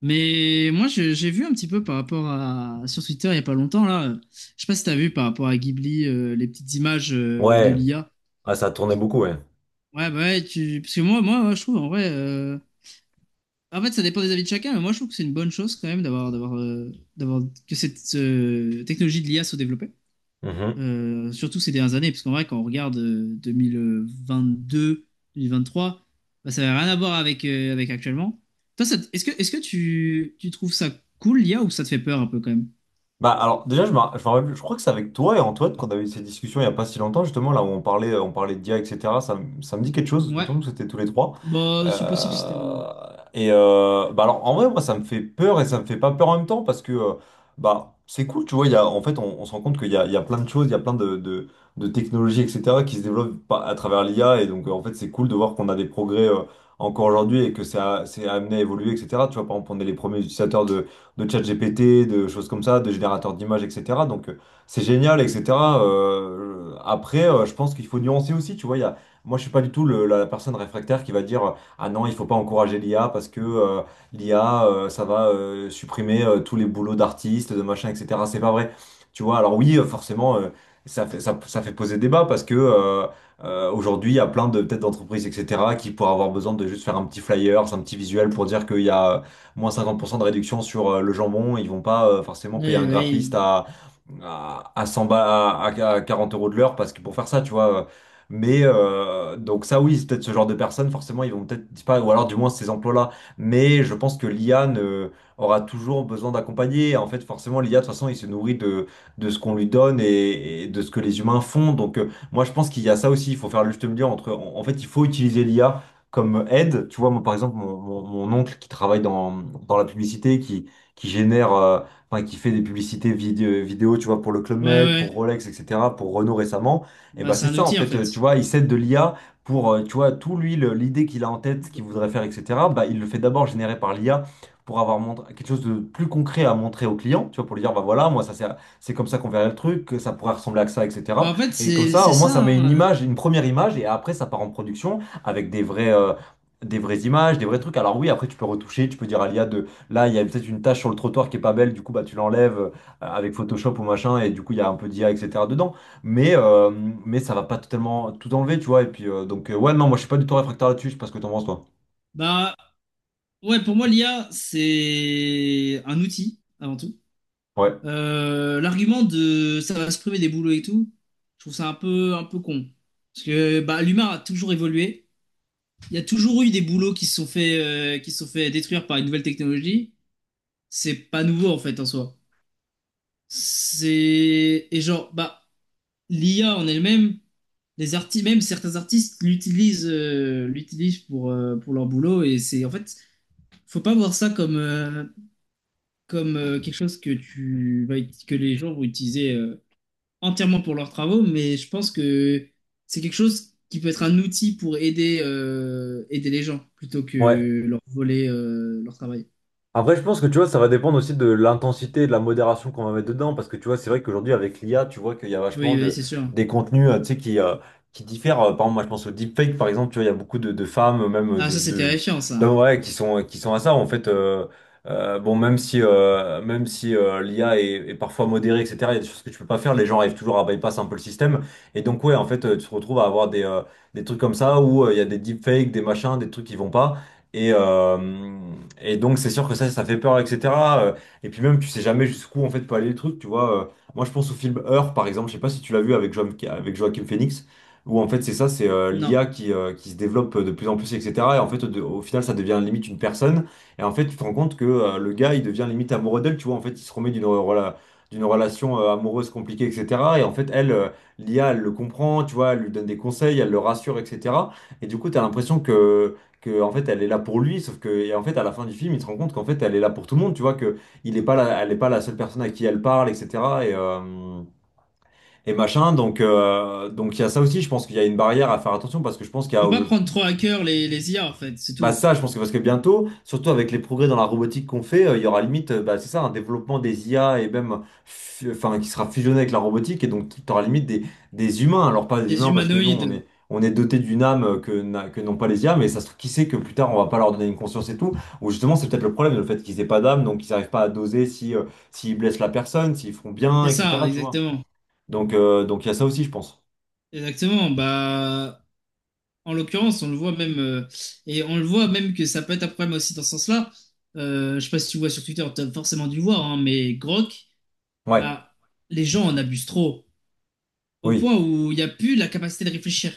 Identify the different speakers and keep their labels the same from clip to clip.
Speaker 1: Mais moi, j'ai vu un petit peu par rapport à sur Twitter il y a pas longtemps là. Je sais pas si t'as vu par rapport à Ghibli, les petites images de
Speaker 2: Ouais,
Speaker 1: l'IA.
Speaker 2: ah, ça tournait beaucoup, ouais.
Speaker 1: Ouais, bah ouais, parce que moi, ouais, je trouve en vrai. En fait, ça dépend des avis de chacun, mais moi, je trouve que c'est une bonne chose quand même d'avoir que cette technologie de l'IA soit développée
Speaker 2: Mhm.
Speaker 1: euh, surtout ces dernières années, parce qu'en vrai, quand on regarde 2022, 2023, bah, ça n'a rien à voir avec actuellement. Toi, est-ce que, tu trouves ça cool, l'IA, ou ça te fait peur un peu quand même?
Speaker 2: Bah alors déjà je, me ra- je, me rappelle- je crois que c'est avec toi et Antoine qu'on avait eu cette discussion il n'y a pas si longtemps, justement, là où on parlait de d'IA etc. Ça me dit quelque chose, il me
Speaker 1: Ouais,
Speaker 2: semble que c'était tous les trois.
Speaker 1: bah, c'est possible, c'était moi.
Speaker 2: Euh, et bah alors en vrai, moi, ça me fait peur et ça me fait pas peur en même temps, parce que bah c'est cool, tu vois, en fait on se rend compte qu'il y a plein de choses, il y a plein de technologies etc. qui se développent à travers l'IA. Et donc en fait c'est cool de voir qu'on a des progrès encore aujourd'hui, et que ça c'est amené à évoluer, etc. Tu vois, par exemple, on est les premiers utilisateurs de ChatGPT, de choses comme ça, de générateurs d'images, etc. Donc c'est génial, etc. Après, je pense qu'il faut nuancer aussi, tu vois, moi je suis pas du tout la personne réfractaire qui va dire, ah non, il faut pas encourager l'IA parce que l'IA, ça va supprimer tous les boulots d'artistes, de machin, etc. C'est pas vrai. Tu vois, alors oui, forcément, ça fait poser débat parce que aujourd'hui, il y a plein de peut-être d'entreprises, etc., qui pourraient avoir besoin de juste faire un petit flyer, un petit visuel pour dire qu'il y a moins 50% de réduction sur le jambon. Ils vont pas forcément payer
Speaker 1: Ouais,
Speaker 2: un
Speaker 1: ouais,
Speaker 2: graphiste à, à, à 100 ba- à, à- à 40 € de l'heure parce que pour faire ça, tu vois. Mais donc ça, oui, c'est peut-être ce genre de personnes, forcément, ils vont peut-être pas, ou alors du moins ces emplois-là. Mais je pense que l'IA aura toujours besoin d'accompagner. En fait, forcément, l'IA, de toute façon, il se nourrit de ce qu'on lui donne, et de ce que les humains font. Donc moi, je pense qu'il y a ça aussi. Il faut faire le juste milieu entre. En fait, il faut utiliser l'IA comme aide. Tu vois, moi, par exemple, mon oncle qui travaille dans la publicité, qui génère, enfin, qui fait des publicités vidéo, tu vois, pour le Club
Speaker 1: ouais,
Speaker 2: Med,
Speaker 1: ouais. ouais.
Speaker 2: pour Rolex, etc., pour Renault récemment, et
Speaker 1: Bah,
Speaker 2: ben
Speaker 1: c'est
Speaker 2: c'est
Speaker 1: un
Speaker 2: ça, en
Speaker 1: outil en
Speaker 2: fait, tu
Speaker 1: fait.
Speaker 2: vois, il s'aide de l'IA pour, tu vois, l'idée qu'il a en tête, ce
Speaker 1: Bah,
Speaker 2: qu'il voudrait faire, etc., bah, il le fait d'abord générer par l'IA, pour avoir quelque chose de plus concret à montrer au client, tu vois, pour lui dire, bah voilà, moi, ça, c'est comme ça qu'on verrait le truc, que ça pourrait ressembler à ça, etc.
Speaker 1: bah, en fait,
Speaker 2: Et comme
Speaker 1: c'est
Speaker 2: ça,
Speaker 1: c'est
Speaker 2: au moins,
Speaker 1: ça,
Speaker 2: ça met une
Speaker 1: hein.
Speaker 2: image, une première image, et après, ça part en production avec des vraies images, des vrais trucs. Alors oui, après tu peux retoucher, tu peux dire à l'IA de là, il y a peut-être une tache sur le trottoir qui est pas belle, du coup bah tu l'enlèves avec Photoshop ou machin, et du coup il y a un peu d'IA etc. dedans. Mais euh, mais ça va pas totalement tout enlever, tu vois. Et puis donc ouais non, moi je suis pas du tout réfractaire là-dessus, je sais pas ce que t'en penses toi.
Speaker 1: Bah, ouais, pour moi, l'IA, c'est un outil avant tout.
Speaker 2: Ouais.
Speaker 1: L'argument de ça va se priver des boulots et tout, je trouve ça un peu con. Parce que bah, l'humain a toujours évolué. Il y a toujours eu des boulots qui se sont qui se sont fait détruire par une nouvelle technologie. C'est pas nouveau en fait en soi. C'est. Et genre, bah, l'IA en elle-même, les artistes, même certains artistes l'utilisent pour leur boulot. Et c'est en fait, faut pas voir ça comme quelque chose que, que les gens vont utiliser entièrement pour leurs travaux, mais je pense que c'est quelque chose qui peut être un outil pour aider les gens plutôt
Speaker 2: Ouais.
Speaker 1: que leur voler leur travail.
Speaker 2: Après, je pense que tu vois, ça va dépendre aussi de l'intensité et de la modération qu'on va mettre dedans. Parce que tu vois, c'est vrai qu'aujourd'hui, avec l'IA, tu vois qu'il y a
Speaker 1: Oui, oui, c'est sûr.
Speaker 2: des contenus tu sais, qui diffèrent. Par exemple, moi, je pense au deepfake, par exemple, tu vois, il y a beaucoup de femmes, même
Speaker 1: Ah, ça, c'est terrifiant, ça.
Speaker 2: d'hommes, ouais, qui sont à ça. En fait, bon, même si l'IA est parfois modérée, etc., il y a des choses que tu peux pas faire. Les gens arrivent toujours à bypass un peu le système. Et donc, ouais, en fait, tu te retrouves à avoir des trucs comme ça où il y a des deepfakes, des machins, des trucs qui vont pas. Et, euh, et donc, c'est sûr que ça fait peur, etc. Euh, Et puis même, tu sais jamais jusqu'où, en fait, peut aller le truc, tu vois. Moi, je pense au film Her, par exemple, je sais pas si tu l'as vu avec Joaquin Phoenix, où, en fait, c'est ça, c'est
Speaker 1: Non.
Speaker 2: l'IA qui se développe de plus en plus, etc. Et en fait, au final, ça devient limite une personne. Et en fait, tu te rends compte que le gars, il devient limite amoureux d'elle, tu vois. En fait, il se remet d'une d'une relation amoureuse compliquée, etc. Et en fait, elle, l'IA, elle le comprend, tu vois, elle lui donne des conseils, elle le rassure, etc. Et du coup, tu as l'impression que en fait elle est là pour lui, sauf que et en fait à la fin du film il se rend compte qu'en fait elle est là pour tout le monde, tu vois, que il est pas la- elle est pas la seule personne à qui elle parle, etc. et euh, et machin, donc donc il y a ça aussi, je pense qu'il y a une barrière à faire attention, parce que je pense qu'il y a
Speaker 1: Faut pas prendre trop à cœur les IA, en fait, c'est
Speaker 2: bah
Speaker 1: tout.
Speaker 2: ça, je pense que parce que bientôt, surtout avec les progrès dans la robotique qu'on fait, il y aura limite, bah, c'est ça, un développement des IA et même, enfin, qui sera fusionné avec la robotique, et donc tu auras limite des humains. Alors pas des
Speaker 1: Les
Speaker 2: humains parce que nous, on
Speaker 1: humanoïdes.
Speaker 2: est, on est doté d'une âme que n'ont pas les IA, mais ça se trouve, qui sait que plus tard, on va pas leur donner une conscience et tout. Ou justement, c'est peut-être le problème, le fait qu'ils aient pas d'âme, donc ils n'arrivent pas à doser si, s'ils blessent la personne, s'ils font bien,
Speaker 1: C'est ça,
Speaker 2: etc. Tu vois.
Speaker 1: exactement.
Speaker 2: Donc il y a ça aussi, je pense.
Speaker 1: Exactement. Bah, en l'occurrence, on le voit même que ça peut être un problème aussi dans ce sens-là. Je sais pas si tu vois sur Twitter, tu as forcément dû le voir, hein, mais Grok,
Speaker 2: Ouais,
Speaker 1: bah les gens en abusent trop au point
Speaker 2: oui.
Speaker 1: où il n'y a plus la capacité de réfléchir.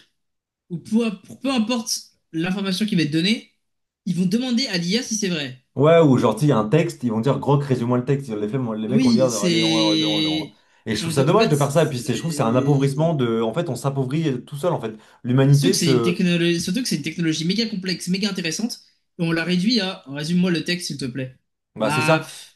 Speaker 1: Ou peu importe l'information qui va être donnée, ils vont demander à l'IA si c'est vrai.
Speaker 2: Ouais, ou genre, tu sais, il y a un texte, ils vont dire, Grok, résume-moi le texte. Les, faits, moi, les mecs vont lire,
Speaker 1: Oui,
Speaker 2: allez,
Speaker 1: c'est
Speaker 2: et je
Speaker 1: on
Speaker 2: trouve ça
Speaker 1: de- en
Speaker 2: dommage
Speaker 1: fait
Speaker 2: de faire ça. Et puis, je trouve que c'est un appauvrissement
Speaker 1: c'est-
Speaker 2: de. En fait, on s'appauvrit tout seul, en fait.
Speaker 1: surtout
Speaker 2: L'humanité
Speaker 1: que c'est une
Speaker 2: se.
Speaker 1: technologie, surtout que c'est une technologie méga complexe, méga intéressante, et on la réduit à résume-moi le texte s'il te plaît.
Speaker 2: Bah, c'est
Speaker 1: Bah,
Speaker 2: ça.
Speaker 1: pff,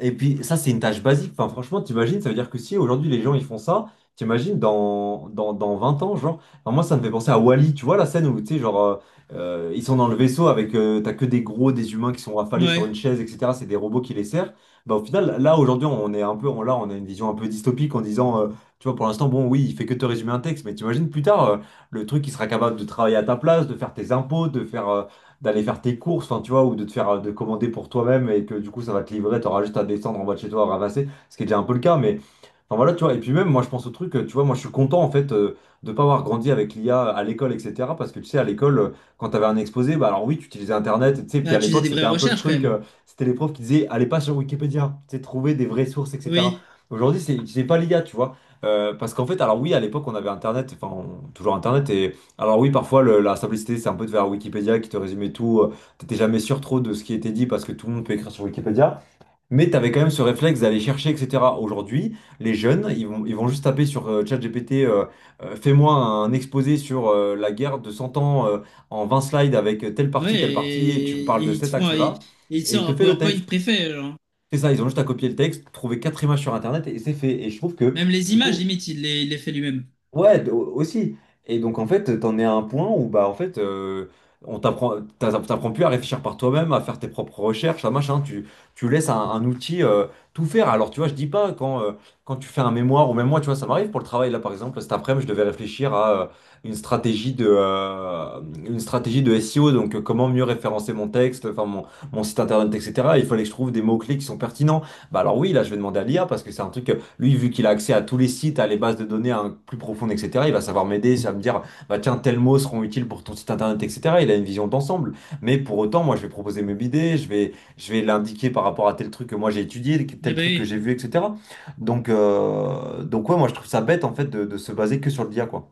Speaker 2: Et puis ça, c'est une tâche basique. Enfin, franchement, t'imagines, ça veut dire que si aujourd'hui les gens ils font ça, t'imagines dans 20 ans, genre. Enfin, moi, ça me fait penser à Wall e, tu vois la scène où, tu sais, genre, ils sont dans le vaisseau avec, t'as que des gros, des humains qui sont affalés sur une
Speaker 1: Ouais,
Speaker 2: chaise, etc. C'est des robots qui les servent. Bah, au final, là, aujourd'hui, on a une vision un peu dystopique en disant, tu vois, pour l'instant, bon, oui, il fait que te résumer un texte, mais t'imagines plus tard, le truc, qui sera capable de travailler à ta place, de faire tes impôts, de faire, d'aller faire tes courses, enfin, tu vois, ou de te faire, de commander pour toi-même et que du coup, ça va te livrer, t'auras juste à descendre en bas de chez toi à ramasser, ce qui est déjà un peu le cas, mais enfin voilà, tu vois, et puis même moi je pense au truc, tu vois, moi je suis content en fait de pas avoir grandi avec l'IA à l'école, etc. Parce que tu sais, à l'école, quand t'avais un exposé, bah alors oui, tu utilisais Internet, tu sais, puis
Speaker 1: bah,
Speaker 2: à
Speaker 1: tu faisais
Speaker 2: l'époque
Speaker 1: des vraies
Speaker 2: c'était un peu le
Speaker 1: recherches quand
Speaker 2: truc,
Speaker 1: même.
Speaker 2: c'était les profs qui disaient, allez pas sur Wikipédia, tu sais, trouver des vraies sources, etc.
Speaker 1: Oui,
Speaker 2: Aujourd'hui, c'est pas l'IA, tu vois. Parce qu'en fait, alors oui, à l'époque on avait Internet, enfin toujours Internet, et alors oui, parfois la simplicité c'est un peu de vers Wikipédia qui te résumait tout, t'étais jamais sûr trop de ce qui était dit parce que tout le monde peut écrire sur Wikipédia. Mais tu avais quand même ce réflexe d'aller chercher, etc. Aujourd'hui, les jeunes, ils vont juste taper sur ChatGPT, fais-moi un exposé sur la guerre de 100 ans en 20 slides avec
Speaker 1: ouais,
Speaker 2: telle partie, et tu me parles
Speaker 1: et
Speaker 2: de
Speaker 1: ils te
Speaker 2: cet
Speaker 1: font, ils-
Speaker 2: axe-là,
Speaker 1: et il te
Speaker 2: et il
Speaker 1: sort un
Speaker 2: te fait le
Speaker 1: PowerPoint
Speaker 2: texte.
Speaker 1: préfet, genre.
Speaker 2: C'est ça, ils ont juste à copier le texte, trouver quatre images sur Internet, et c'est fait. Et je trouve que,
Speaker 1: Même les
Speaker 2: du
Speaker 1: images,
Speaker 2: coup,
Speaker 1: limite, il les fait lui-même.
Speaker 2: ouais, aussi. Et donc en fait, t'en es à un point où bah en fait, on t'apprends plus à réfléchir par toi-même, à faire tes propres recherches, à machin. Tu laisses un outil tout faire. Alors tu vois, je dis pas quand quand tu fais un mémoire ou même moi, tu vois, ça m'arrive pour le travail là par exemple. Cet après-midi, je devais réfléchir à une stratégie de SEO. Donc comment mieux référencer mon texte, mon site internet, etc. Il fallait que je trouve des mots-clés qui sont pertinents. Bah alors oui, là, je vais demander à l'IA parce que c'est un truc. Lui, vu qu'il a accès à tous les sites, à les bases de données hein, plus profondes, etc., il va savoir m'aider, ça va me dire, bah tiens, tels mots seront utiles pour ton site internet, etc. Il a une vision d'ensemble. Mais pour autant, moi, je vais proposer mes idées, je vais l'indiquer par rapport à tel truc que moi j'ai étudié,
Speaker 1: Eh
Speaker 2: tel
Speaker 1: ben
Speaker 2: truc que
Speaker 1: oui,
Speaker 2: j'ai vu, etc. Donc ouais, moi, je trouve ça bête, en fait, de se baser que sur le l'IA, quoi.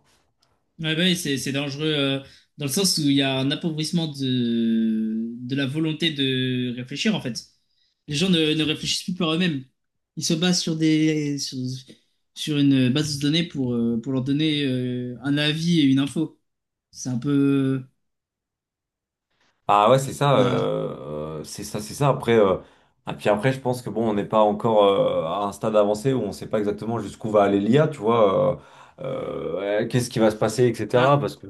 Speaker 1: ouais, bah oui, c'est dangereux dans le sens où il y a un appauvrissement de la volonté de réfléchir, en fait. Les gens ne réfléchissent plus par eux-mêmes. Ils se basent sur sur une base de données pour leur donner un avis et une info. C'est un peu...
Speaker 2: Ah ouais, c'est ça,
Speaker 1: Voilà.
Speaker 2: c'est ça, c'est ça. Après, ah, puis après, je pense que bon, on n'est pas encore à un stade avancé où on ne sait pas exactement jusqu'où va aller l'IA, tu vois, ouais, qu'est-ce qui va se passer,
Speaker 1: Bah,
Speaker 2: etc. Parce que,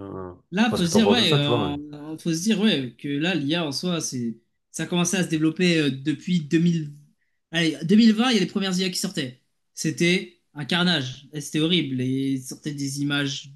Speaker 1: là,
Speaker 2: parce que t'en penses de ça, tu vois, mais.
Speaker 1: faut se dire, ouais, que là, l'IA en soi, ça a commencé à se développer depuis 2000. Allez, 2020, il y a les premières IA qui sortaient. C'était un carnage, et c'était horrible. Et ils sortaient des images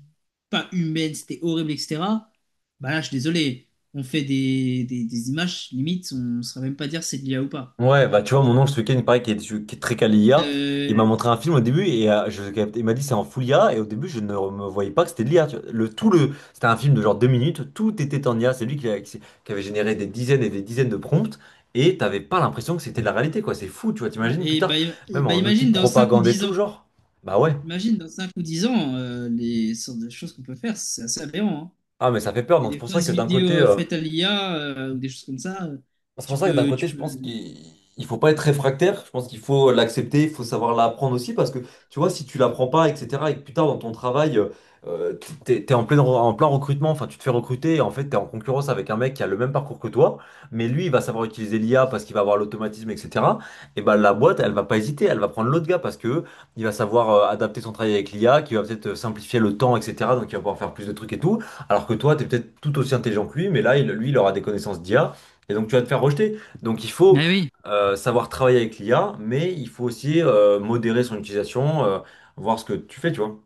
Speaker 1: pas humaines, c'était horrible, etc. Bah là, je suis désolé, on fait des images, limite, on ne saurait même pas dire si c'est de l'IA ou pas.
Speaker 2: Ouais, bah tu vois, mon oncle ce week-end, il paraît qu'il est très calé IA. Il m'a
Speaker 1: Euh,
Speaker 2: montré un film au début et il m'a dit c'est en full IA. Et au début, je ne me voyais pas que c'était de l'IA, tu vois. C'était un film de genre 2 minutes, tout était en IA. C'est lui qui avait généré des dizaines et des dizaines de prompts et t'avais pas l'impression que c'était de la réalité, quoi. C'est fou, tu vois.
Speaker 1: ouais,
Speaker 2: T'imagines plus
Speaker 1: et
Speaker 2: tard,
Speaker 1: bah, et
Speaker 2: même
Speaker 1: bah,
Speaker 2: en outil de
Speaker 1: imagine dans 5 ou
Speaker 2: propagande et
Speaker 1: 10
Speaker 2: tout,
Speaker 1: ans,
Speaker 2: genre, bah ouais.
Speaker 1: imagine dans 5 ou 10 ans, les sortes de choses qu'on peut faire, c'est assez aberrant, hein.
Speaker 2: Ah, mais ça fait peur. Donc c'est
Speaker 1: Des
Speaker 2: pour ça
Speaker 1: fausses
Speaker 2: que d'un
Speaker 1: vidéos
Speaker 2: côté. Euh,
Speaker 1: faites à l'IA ou des choses comme ça,
Speaker 2: c'est pour ça que d'un côté,
Speaker 1: tu
Speaker 2: je
Speaker 1: peux.
Speaker 2: pense qu'il il faut pas être réfractaire. Je pense qu'il faut l'accepter, il faut savoir l'apprendre aussi. Parce que, tu vois, si tu l'apprends pas, etc., et que plus tard dans ton travail, euh, t'es en plein recrutement, enfin, tu te fais recruter, et en fait, t'es en concurrence avec un mec qui a le même parcours que toi, mais lui, il va savoir utiliser l'IA parce qu'il va avoir l'automatisme, etc. Et ben, la boîte, elle va pas hésiter, elle va prendre l'autre gars parce que il va savoir adapter son travail avec l'IA, qui va peut-être simplifier le temps, etc. Donc, il va pouvoir faire plus de trucs et tout. Alors que toi, tu es peut-être tout aussi intelligent que lui, mais là, lui, il aura des connaissances d'IA. Et donc tu vas te faire rejeter. Donc il faut
Speaker 1: Mais oui,
Speaker 2: savoir travailler avec l'IA, mais il faut aussi modérer son utilisation, voir ce que tu fais, tu vois.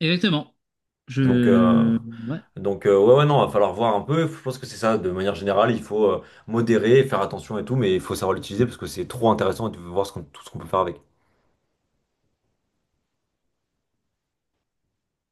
Speaker 1: exactement.
Speaker 2: Donc, euh,
Speaker 1: Je... ouais.
Speaker 2: donc, non, va falloir voir un peu. Je pense que c'est ça, de manière générale, il faut modérer, faire attention et tout, mais il faut savoir l'utiliser parce que c'est trop intéressant de voir tout ce qu'on peut faire avec.